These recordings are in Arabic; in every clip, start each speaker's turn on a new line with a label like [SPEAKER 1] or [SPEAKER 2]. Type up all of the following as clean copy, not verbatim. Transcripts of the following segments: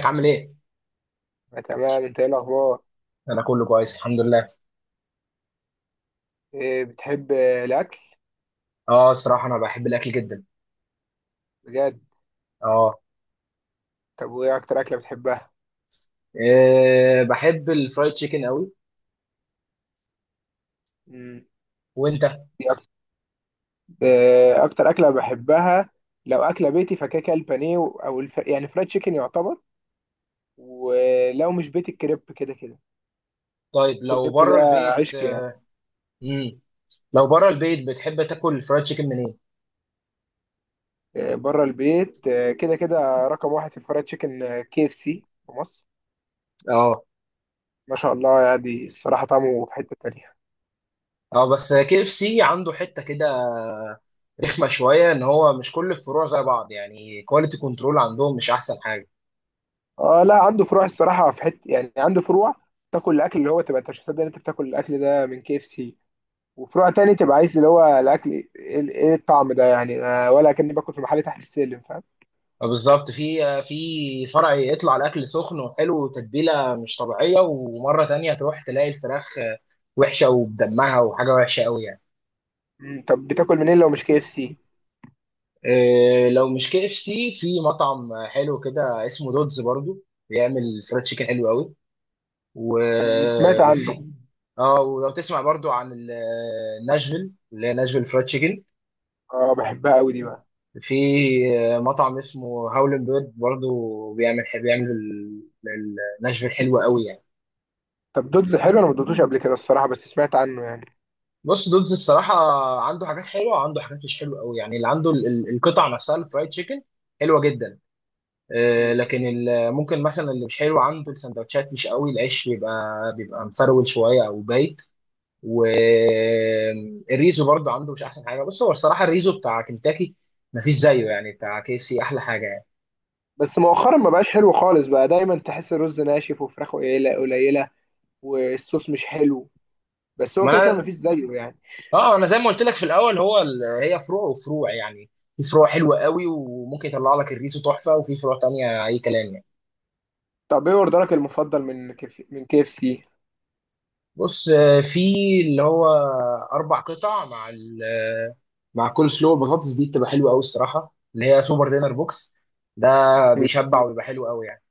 [SPEAKER 1] ازيك عامل ايه؟
[SPEAKER 2] تمام، انت ايه الاخبار؟
[SPEAKER 1] انا كله كويس الحمد لله.
[SPEAKER 2] ايه بتحب الاكل؟
[SPEAKER 1] اه، الصراحه انا بحب الاكل جدا.
[SPEAKER 2] بجد؟
[SPEAKER 1] اه.
[SPEAKER 2] طب وايه اكتر اكله بتحبها؟
[SPEAKER 1] إيه، بحب الفرايد تشيكن قوي.
[SPEAKER 2] مم.
[SPEAKER 1] وانت؟
[SPEAKER 2] دي اكتر. اه، اكتر اكله بحبها لو اكله بيتي فكده كده البانيه يعني فرايد تشيكن يعتبر. ولو مش بيت، الكريب كده كده.
[SPEAKER 1] طيب، لو
[SPEAKER 2] الكريب
[SPEAKER 1] بره
[SPEAKER 2] ده
[SPEAKER 1] البيت؟
[SPEAKER 2] عشق يعني.
[SPEAKER 1] امم لو بره البيت بتحب تاكل الفرايد تشيكن منين؟
[SPEAKER 2] آه، بره البيت، كده كده رقم واحد في الفرايد تشيكن كي اف سي في مصر.
[SPEAKER 1] اه،
[SPEAKER 2] ما شاء الله، يعني الصراحه طعمه في حته تانيه.
[SPEAKER 1] اه، بس كي اف سي عنده حته كده رخمه شويه، ان هو مش كل الفروع زي بعض يعني كواليتي كنترول عندهم مش احسن حاجه.
[SPEAKER 2] اه، لا عنده فروع الصراحه، في حته يعني عنده فروع تاكل الاكل، اللي هو تبقى انت مش مصدق ان انت بتاكل الاكل ده من كي اف سي. وفروع تاني تبقى عايز اللي هو الاكل، ايه إيه إيه الطعم ده يعني، ولا كاني باكل في محل تحت السلم، فاهم؟
[SPEAKER 1] بالظبط، في فرع يطلع الاكل سخن وحلو وتتبيله مش طبيعيه، ومره تانية تروح تلاقي الفراخ وحشه وبدمها وحاجه وحشه قوي يعني.
[SPEAKER 2] طب بتاكل منين لو مش كي اف سي؟
[SPEAKER 1] لو مش كي اف سي، في مطعم حلو كده اسمه دودز برضو بيعمل فرايد تشيكن حلو قوي.
[SPEAKER 2] سمعت عنه.
[SPEAKER 1] وفي، اه، ولو تسمع برضو عن ناشفيل، اللي هي ناشفيل فرايد تشيكن.
[SPEAKER 2] اه، بحبها قوي دي بقى.
[SPEAKER 1] في مطعم اسمه هاولن بيرد برضو بيعمل ال- ناشفيل حلوه قوي.
[SPEAKER 2] طب دودز حلو، انا ما دوتوش
[SPEAKER 1] يعني
[SPEAKER 2] قبل كده الصراحه بس سمعت عنه يعني.
[SPEAKER 1] بص، دودز الصراحة عنده حاجات حلوة، عنده حاجات مش حلوة قوي يعني. اللي عنده القطع نفسها، الفرايد تشيكن حلوة جدا.
[SPEAKER 2] مم.
[SPEAKER 1] لكن ممكن مثلا اللي مش حلو عنده السندوتشات، مش قوي، العيش بيبقى مفرول شوية أو بايت. والريزو برضه عنده مش أحسن حاجة. بص، هو الصراحة الريزو بتاع كنتاكي مفيش زيه يعني، بتاع كي اف سي أحلى حاجة يعني.
[SPEAKER 2] بس مؤخرا ما بقاش حلو خالص، بقى دايما تحس الرز ناشف وفراخه قليله قليله. والصوص مش حلو. بس هو كده كده
[SPEAKER 1] ما
[SPEAKER 2] مفيش زيه يعني.
[SPEAKER 1] أنا، أنا زي ما قلت لك في الأول، هو هي فروع وفروع يعني. في فروع حلوة قوي وممكن يطلع لك الريزو تحفة، وفي فروع تانية أي كلام يعني.
[SPEAKER 2] طب ايه اوردرك المفضل من كيف من كي اف سي؟
[SPEAKER 1] بص، في اللي هو اربع قطع مع ال آه، مع كل سلو، البطاطس دي بتبقى حلوه قوي الصراحه، اللي هي سوبر دينر بوكس ده بيشبع وبيبقى حلو قوي يعني.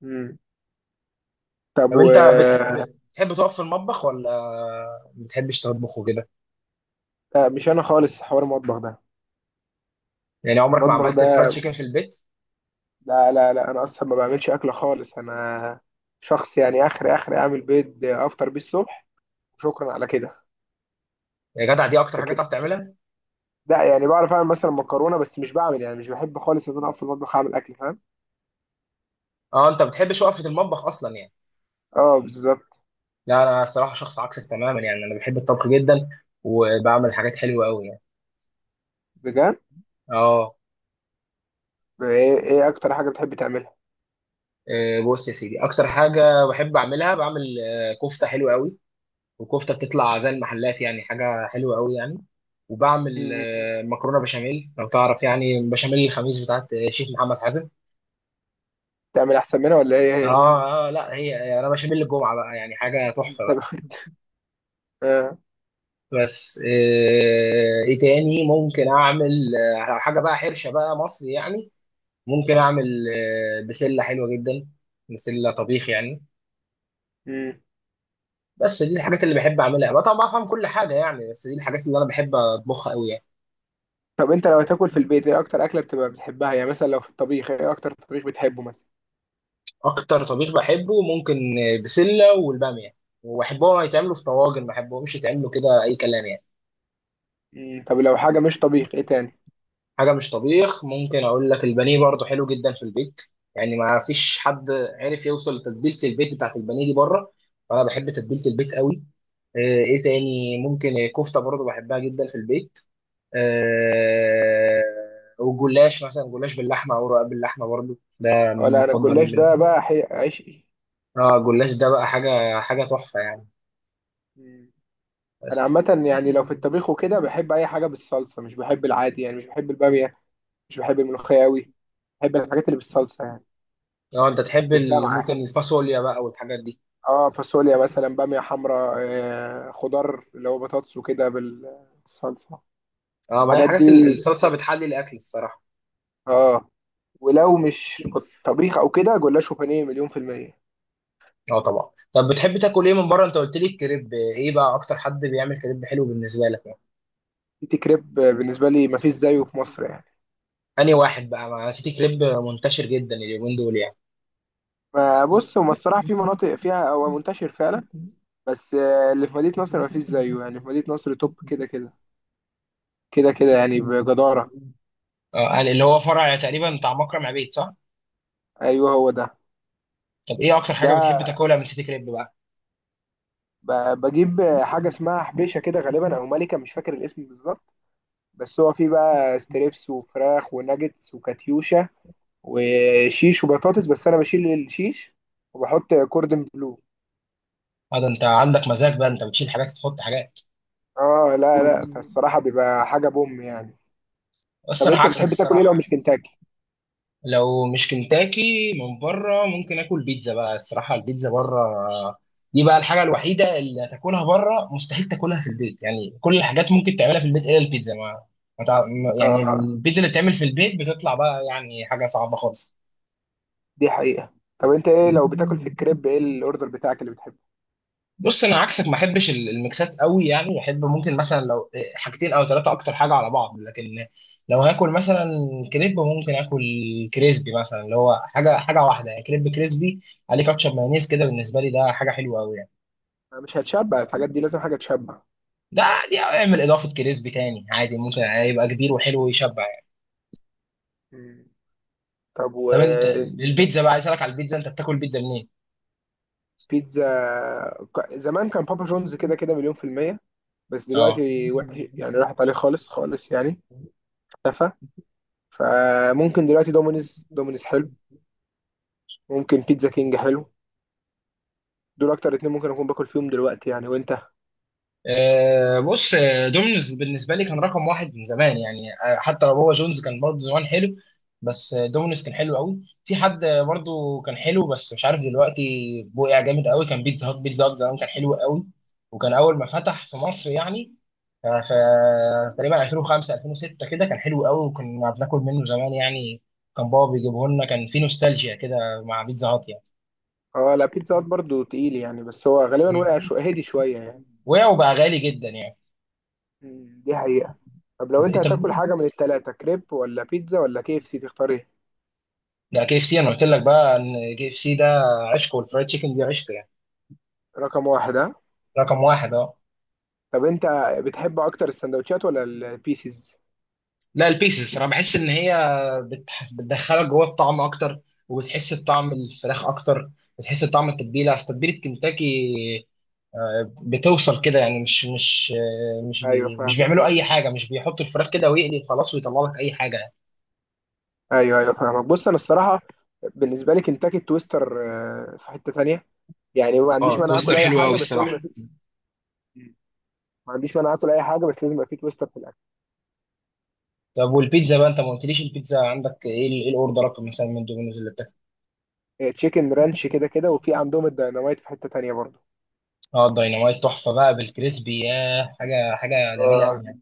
[SPEAKER 2] مم. طب
[SPEAKER 1] طب
[SPEAKER 2] و...
[SPEAKER 1] انت بتحب تقف في المطبخ ولا ما بتحبش تطبخ وكده؟
[SPEAKER 2] لا، مش انا خالص حوار المطبخ ده.
[SPEAKER 1] يعني عمرك ما
[SPEAKER 2] المطبخ
[SPEAKER 1] عملت فرايد
[SPEAKER 2] ده،
[SPEAKER 1] تشيكن في البيت؟
[SPEAKER 2] لا لا لا، انا اصلا ما بعملش اكل خالص، انا شخص يعني اخر اخر اعمل بيض افطر بيه الصبح وشكرا على كده.
[SPEAKER 1] يا جدع، دي اكتر حاجه
[SPEAKER 2] لكن،
[SPEAKER 1] تعرف تعملها؟
[SPEAKER 2] لا يعني بعرف اعمل مثلا مكرونه، بس مش بعمل يعني مش بحب خالص ان انا اقف في المطبخ اعمل اكل، فاهم؟
[SPEAKER 1] اه، انت بتحبش وقفه المطبخ اصلا يعني.
[SPEAKER 2] اه، بالظبط.
[SPEAKER 1] لا، انا الصراحه شخص عكسك تماما يعني، انا بحب الطبخ جدا وبعمل حاجات حلوه قوي يعني.
[SPEAKER 2] بجد؟
[SPEAKER 1] اه.
[SPEAKER 2] ايه اكتر حاجه بتحب تعملها؟
[SPEAKER 1] بص يا سيدي، اكتر حاجه بحب اعملها، بعمل كفته حلوه قوي، وكفته بتطلع زي المحلات يعني حاجه حلوه قوي يعني. وبعمل
[SPEAKER 2] مم.
[SPEAKER 1] مكرونه بشاميل، لو تعرف، يعني بشاميل الخميس بتاعت شيف محمد حازم.
[SPEAKER 2] تعمل احسن منها ولا ايه هي؟
[SPEAKER 1] اه اه، لا هي يعني انا بشاميل الجمعه بقى، يعني حاجه تحفه
[SPEAKER 2] طب.
[SPEAKER 1] بقى.
[SPEAKER 2] آه.
[SPEAKER 1] بس ايه تاني ممكن اعمل؟ حاجه بقى حرشه بقى مصري يعني. ممكن اعمل بسله حلوه جدا، بسله طبيخ يعني.
[SPEAKER 2] مم.
[SPEAKER 1] بس دي الحاجات اللي بحب اعملها بقى. طبعا بفهم كل حاجه يعني، بس دي الحاجات اللي انا بحب اطبخها قوي يعني.
[SPEAKER 2] طب انت لو تاكل في البيت، ايه اكتر اكله بتبقى بتحبها؟ يعني مثلا لو في الطبيخ ايه اكتر طبيخ بتحبه مثلا؟
[SPEAKER 1] اكتر طبيخ بحبه ممكن بسله والباميه، وبحبهم يتعملوا في طواجن، ما بحبهمش يتعملوا كده اي كلام يعني.
[SPEAKER 2] مم. طب لو حاجه مش طبيخ، ايه تاني؟
[SPEAKER 1] حاجه مش طبيخ، ممكن اقول لك البانيه برضو حلو جدا في البيت يعني. ما فيش حد عرف يوصل لتتبيله البيت بتاعت البانيه دي بره، فانا بحب تتبيله البيت قوي. ايه تاني ممكن كفته برضو بحبها جدا في البيت. آه، وجلاش مثلا، جلاش باللحمه او رقاق باللحمه برضو، ده
[SPEAKER 2] اه،
[SPEAKER 1] من
[SPEAKER 2] لا انا
[SPEAKER 1] مفضلي
[SPEAKER 2] الجلاش ده
[SPEAKER 1] بالنسبه
[SPEAKER 2] بقى
[SPEAKER 1] لي.
[SPEAKER 2] عشقي.
[SPEAKER 1] اه، الجلاش ده بقى حاجه، حاجه تحفه يعني.
[SPEAKER 2] مم. انا
[SPEAKER 1] بس
[SPEAKER 2] عامه يعني لو في الطبيخ وكده بحب اي حاجه بالصلصه، مش بحب العادي يعني، مش بحب الباميه. مش بحب الملوخيه قوي. بحب الحاجات اللي بالصلصه يعني.
[SPEAKER 1] لو انت تحب
[SPEAKER 2] بالدمعه.
[SPEAKER 1] ممكن الفاصوليا بقى والحاجات دي.
[SPEAKER 2] اه، فاصوليا مثلا، باميه حمراء، خضار اللي هو بطاطس وكده بالصلصه.
[SPEAKER 1] اه، ما هي
[SPEAKER 2] الحاجات
[SPEAKER 1] حاجات
[SPEAKER 2] دي.
[SPEAKER 1] الصلصه بتحلي الاكل الصراحه.
[SPEAKER 2] اه. ولو مش طبيخ او كده، جلاش وبانيه مليون في المية.
[SPEAKER 1] اه طبعا. طب بتحب تاكل ايه من بره؟ انت قلت لي الكريب، ايه بقى اكتر حد بيعمل كريب حلو بالنسبه لك يعني؟
[SPEAKER 2] تيتي كريب بالنسبة لي مفيش زيه في مصر يعني.
[SPEAKER 1] انهي واحد بقى؟ ما نسيت، كريب منتشر جدا اليومين دول يعني.
[SPEAKER 2] ما بص، هو الصراحة في مناطق فيها هو منتشر فعلا. بس اللي في مدينة نصر مفيش زيه يعني، في مدينة نصر توب كده كده. كده كده يعني، بجدارة.
[SPEAKER 1] اه، يعني اللي هو فرع تقريبا بتاع مكرم عبيد، صح؟
[SPEAKER 2] ايوه، هو ده.
[SPEAKER 1] طب ايه اكتر حاجه
[SPEAKER 2] ده
[SPEAKER 1] بتحب تاكلها من سيتي كريب بقى؟
[SPEAKER 2] بجيب حاجة اسمها حبيشة كده غالبا، او ملكة، مش فاكر الاسم بالظبط. بس هو فيه بقى ستريبس وفراخ وناجتس وكاتيوشا وشيش وبطاطس، بس انا بشيل الشيش وبحط كوردن بلو.
[SPEAKER 1] اه، ده انت عندك مزاج بقى، انت بتشيل حاجات تحط حاجات.
[SPEAKER 2] اه لا لا، فالصراحة بيبقى حاجة بوم يعني.
[SPEAKER 1] بس
[SPEAKER 2] طب
[SPEAKER 1] انا
[SPEAKER 2] انت
[SPEAKER 1] عكسك
[SPEAKER 2] بتحب تاكل ايه لو
[SPEAKER 1] الصراحه.
[SPEAKER 2] مش كنتاكي؟
[SPEAKER 1] لو مش كنتاكي من بره، ممكن اكل بيتزا بقى الصراحه. البيتزا بره دي بقى الحاجه الوحيده اللي تاكلها بره، مستحيل تاكلها في البيت يعني. كل الحاجات ممكن تعملها في البيت الا البيتزا. ما ما تع- ما- يعني
[SPEAKER 2] اه،
[SPEAKER 1] البيتزا اللي بتعمل في البيت بتطلع بقى يعني حاجه صعبه خالص.
[SPEAKER 2] دي حقيقة. طب انت، ايه لو بتاكل في الكريب ايه الاوردر بتاعك اللي بتحبه؟
[SPEAKER 1] بص، انا عكسك، ما احبش الميكسات قوي يعني. احب ممكن مثلا لو حاجتين او ثلاثه اكتر حاجه على بعض، لكن لو هاكل مثلا كريب، ممكن اكل كريسبي مثلا، اللي هو حاجه، حاجه واحده يعني، كريب كريسبي عليه كاتشب مايونيز كده، بالنسبه لي ده حاجه حلوه قوي يعني.
[SPEAKER 2] مش هتشبع الحاجات دي، لازم حاجة تشبع.
[SPEAKER 1] ده عادي اعمل اضافه كريسبي تاني عادي، ممكن يبقى كبير وحلو ويشبع يعني.
[SPEAKER 2] مم. طب
[SPEAKER 1] طب انت،
[SPEAKER 2] وبيتزا؟
[SPEAKER 1] البيتزا بقى، عايز اسالك على البيتزا، انت بتاكل بيتزا منين؟
[SPEAKER 2] زمان كان بابا جونز كده كده مليون في المية. بس
[SPEAKER 1] اه.
[SPEAKER 2] دلوقتي وحش يعني، راحت عليه خالص خالص يعني. اختفى. فممكن دلوقتي دومينيز، دومينيز حلو. ممكن بيتزا كينج حلو. دول اكتر اتنين ممكن اكون باكل فيهم دلوقتي يعني. وانت؟
[SPEAKER 1] بص، دومينيز بالنسبه لي كان رقم واحد من زمان يعني. حتى لو هو جونز كان برضه زمان حلو، بس دومينيز كان حلو قوي. في حد برضه كان حلو بس مش عارف دلوقتي، بقع جامد قوي كان بيتزا هات. بيتزا هات زمان كان حلو قوي، وكان اول ما فتح في مصر يعني. ف تقريبا 2005 2006 كده كان حلو قوي وكنا بناكل منه زمان يعني. كان بابا بيجيبه لنا، كان في نوستالجيا كده مع بيتزا هات يعني.
[SPEAKER 2] اه، لا بيتزا هات برضه تقيل يعني، بس هو غالبا وقع
[SPEAKER 1] مم.
[SPEAKER 2] هدي شوية يعني.
[SPEAKER 1] وقع وبقى غالي جدا يعني.
[SPEAKER 2] مم. دي حقيقة. طب لو
[SPEAKER 1] بس
[SPEAKER 2] انت
[SPEAKER 1] انت،
[SPEAKER 2] هتاكل حاجة من التلاتة، كريب ولا بيتزا ولا كي اف سي، تختار ايه؟
[SPEAKER 1] ده كي اف سي، انا قلت لك بقى ان كي اف سي ده عشق، والفرايد تشيكن دي عشق يعني.
[SPEAKER 2] رقم واحد، ها.
[SPEAKER 1] رقم واحد، اه.
[SPEAKER 2] طب انت بتحب اكتر السندوتشات ولا البيسز؟
[SPEAKER 1] لا، البيسز، انا بحس ان هي بتدخلك جوه الطعم اكتر، وبتحس بطعم الفراخ اكتر، بتحس بطعم التتبيله. اصل تتبيله كنتاكي بتوصل كده يعني. مش مش
[SPEAKER 2] ايوه،
[SPEAKER 1] بي... مش
[SPEAKER 2] فاهم.
[SPEAKER 1] بيعملوا اي حاجه، مش بيحطوا الفراخ كده ويقلي خلاص ويطلع لك اي حاجه يعني.
[SPEAKER 2] ايوه ايوه فاهمك. بص انا الصراحة بالنسبة لي كنتاكي التويستر. في حتة تانية، يعني ما عنديش
[SPEAKER 1] اه،
[SPEAKER 2] مانع
[SPEAKER 1] توستر
[SPEAKER 2] اكل اي
[SPEAKER 1] حلو قوي
[SPEAKER 2] حاجة، بس لازم يبقى
[SPEAKER 1] الصراحه.
[SPEAKER 2] في. مم. ما عنديش مانع اكل اي حاجة، بس لازم يبقى في تويستر في الاكل.
[SPEAKER 1] طب والبيتزا بقى، انت ما قلتليش البيتزا عندك ايه ايه الاوردرات مثلا من دومينوز اللي بتاكل؟
[SPEAKER 2] تشيكن رانش كده كده، وفي عندهم الديناميت في حتة تانية.
[SPEAKER 1] اه، الديناميت تحفه بقى، بالكريسبي، ياه حاجه، حاجه جميله
[SPEAKER 2] برضه،
[SPEAKER 1] قوي يعني.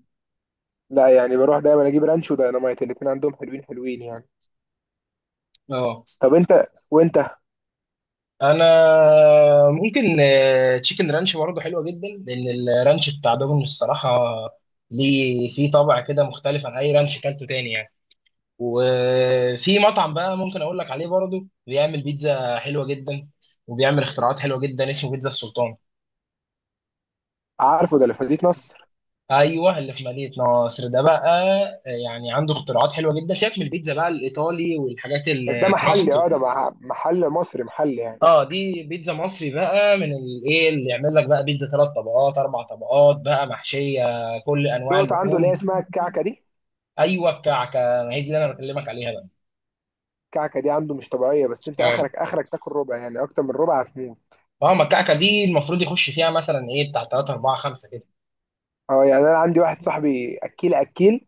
[SPEAKER 2] لا يعني، بروح دايما اجيب رانش ودايناميت، الاتنين عندهم حلوين حلوين يعني.
[SPEAKER 1] اه.
[SPEAKER 2] طب انت وانت.
[SPEAKER 1] انا ممكن تشيكن رانش برضه حلوه جدا، لان الرانش بتاع دومينوز الصراحه ليه فيه طابع كده مختلف عن اي رانش كلته تاني يعني.
[SPEAKER 2] مم.
[SPEAKER 1] وفي مطعم بقى ممكن اقول لك عليه برضه بيعمل بيتزا حلوه جدا، وبيعمل اختراعات حلوه جدا، اسمه بيتزا السلطان.
[SPEAKER 2] عارفه، ده اللي في مدينة نصر.
[SPEAKER 1] ايوه، اللي في مدينه نصر ده بقى. يعني عنده اختراعات حلوه جدا، سيبك من البيتزا بقى الايطالي والحاجات
[SPEAKER 2] بس ده محلي،
[SPEAKER 1] الكراست.
[SPEAKER 2] اه ده محل مصري محلي يعني.
[SPEAKER 1] اه، دي بيتزا مصري بقى، من الايه اللي يعمل لك بقى بيتزا ثلاث طبقات، اربع طبقات بقى، محشيه كل انواع
[SPEAKER 2] دوت عنده اللي هي
[SPEAKER 1] اللحوم.
[SPEAKER 2] اسمها الكعكة دي.
[SPEAKER 1] ايوه، الكعكه، ما هي دي اللي انا بكلمك عليها بقى.
[SPEAKER 2] الكعكة دي عنده مش طبيعية، بس انت
[SPEAKER 1] اه
[SPEAKER 2] اخرك اخرك تاكل ربع، يعني اكتر من ربع هتموت.
[SPEAKER 1] اه، ما الكعكه دي المفروض يخش فيها مثلا ايه بتاع 3 4 5 كده.
[SPEAKER 2] اه، يعني انا عندي واحد صاحبي اكيل اكيل،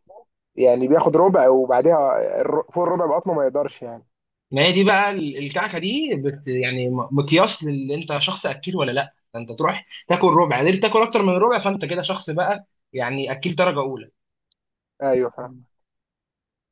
[SPEAKER 2] يعني بياخد ربع وبعديها فوق الربع بقطمه ما يقدرش يعني.
[SPEAKER 1] ما هي دي بقى الكعكه دي بت يعني مقياس لل انت شخص اكيل ولا لا، انت تروح تاكل ربع، قدرت تاكل اكتر من ربع، فانت كده شخص بقى يعني اكيل درجه اولى.
[SPEAKER 2] ايوه.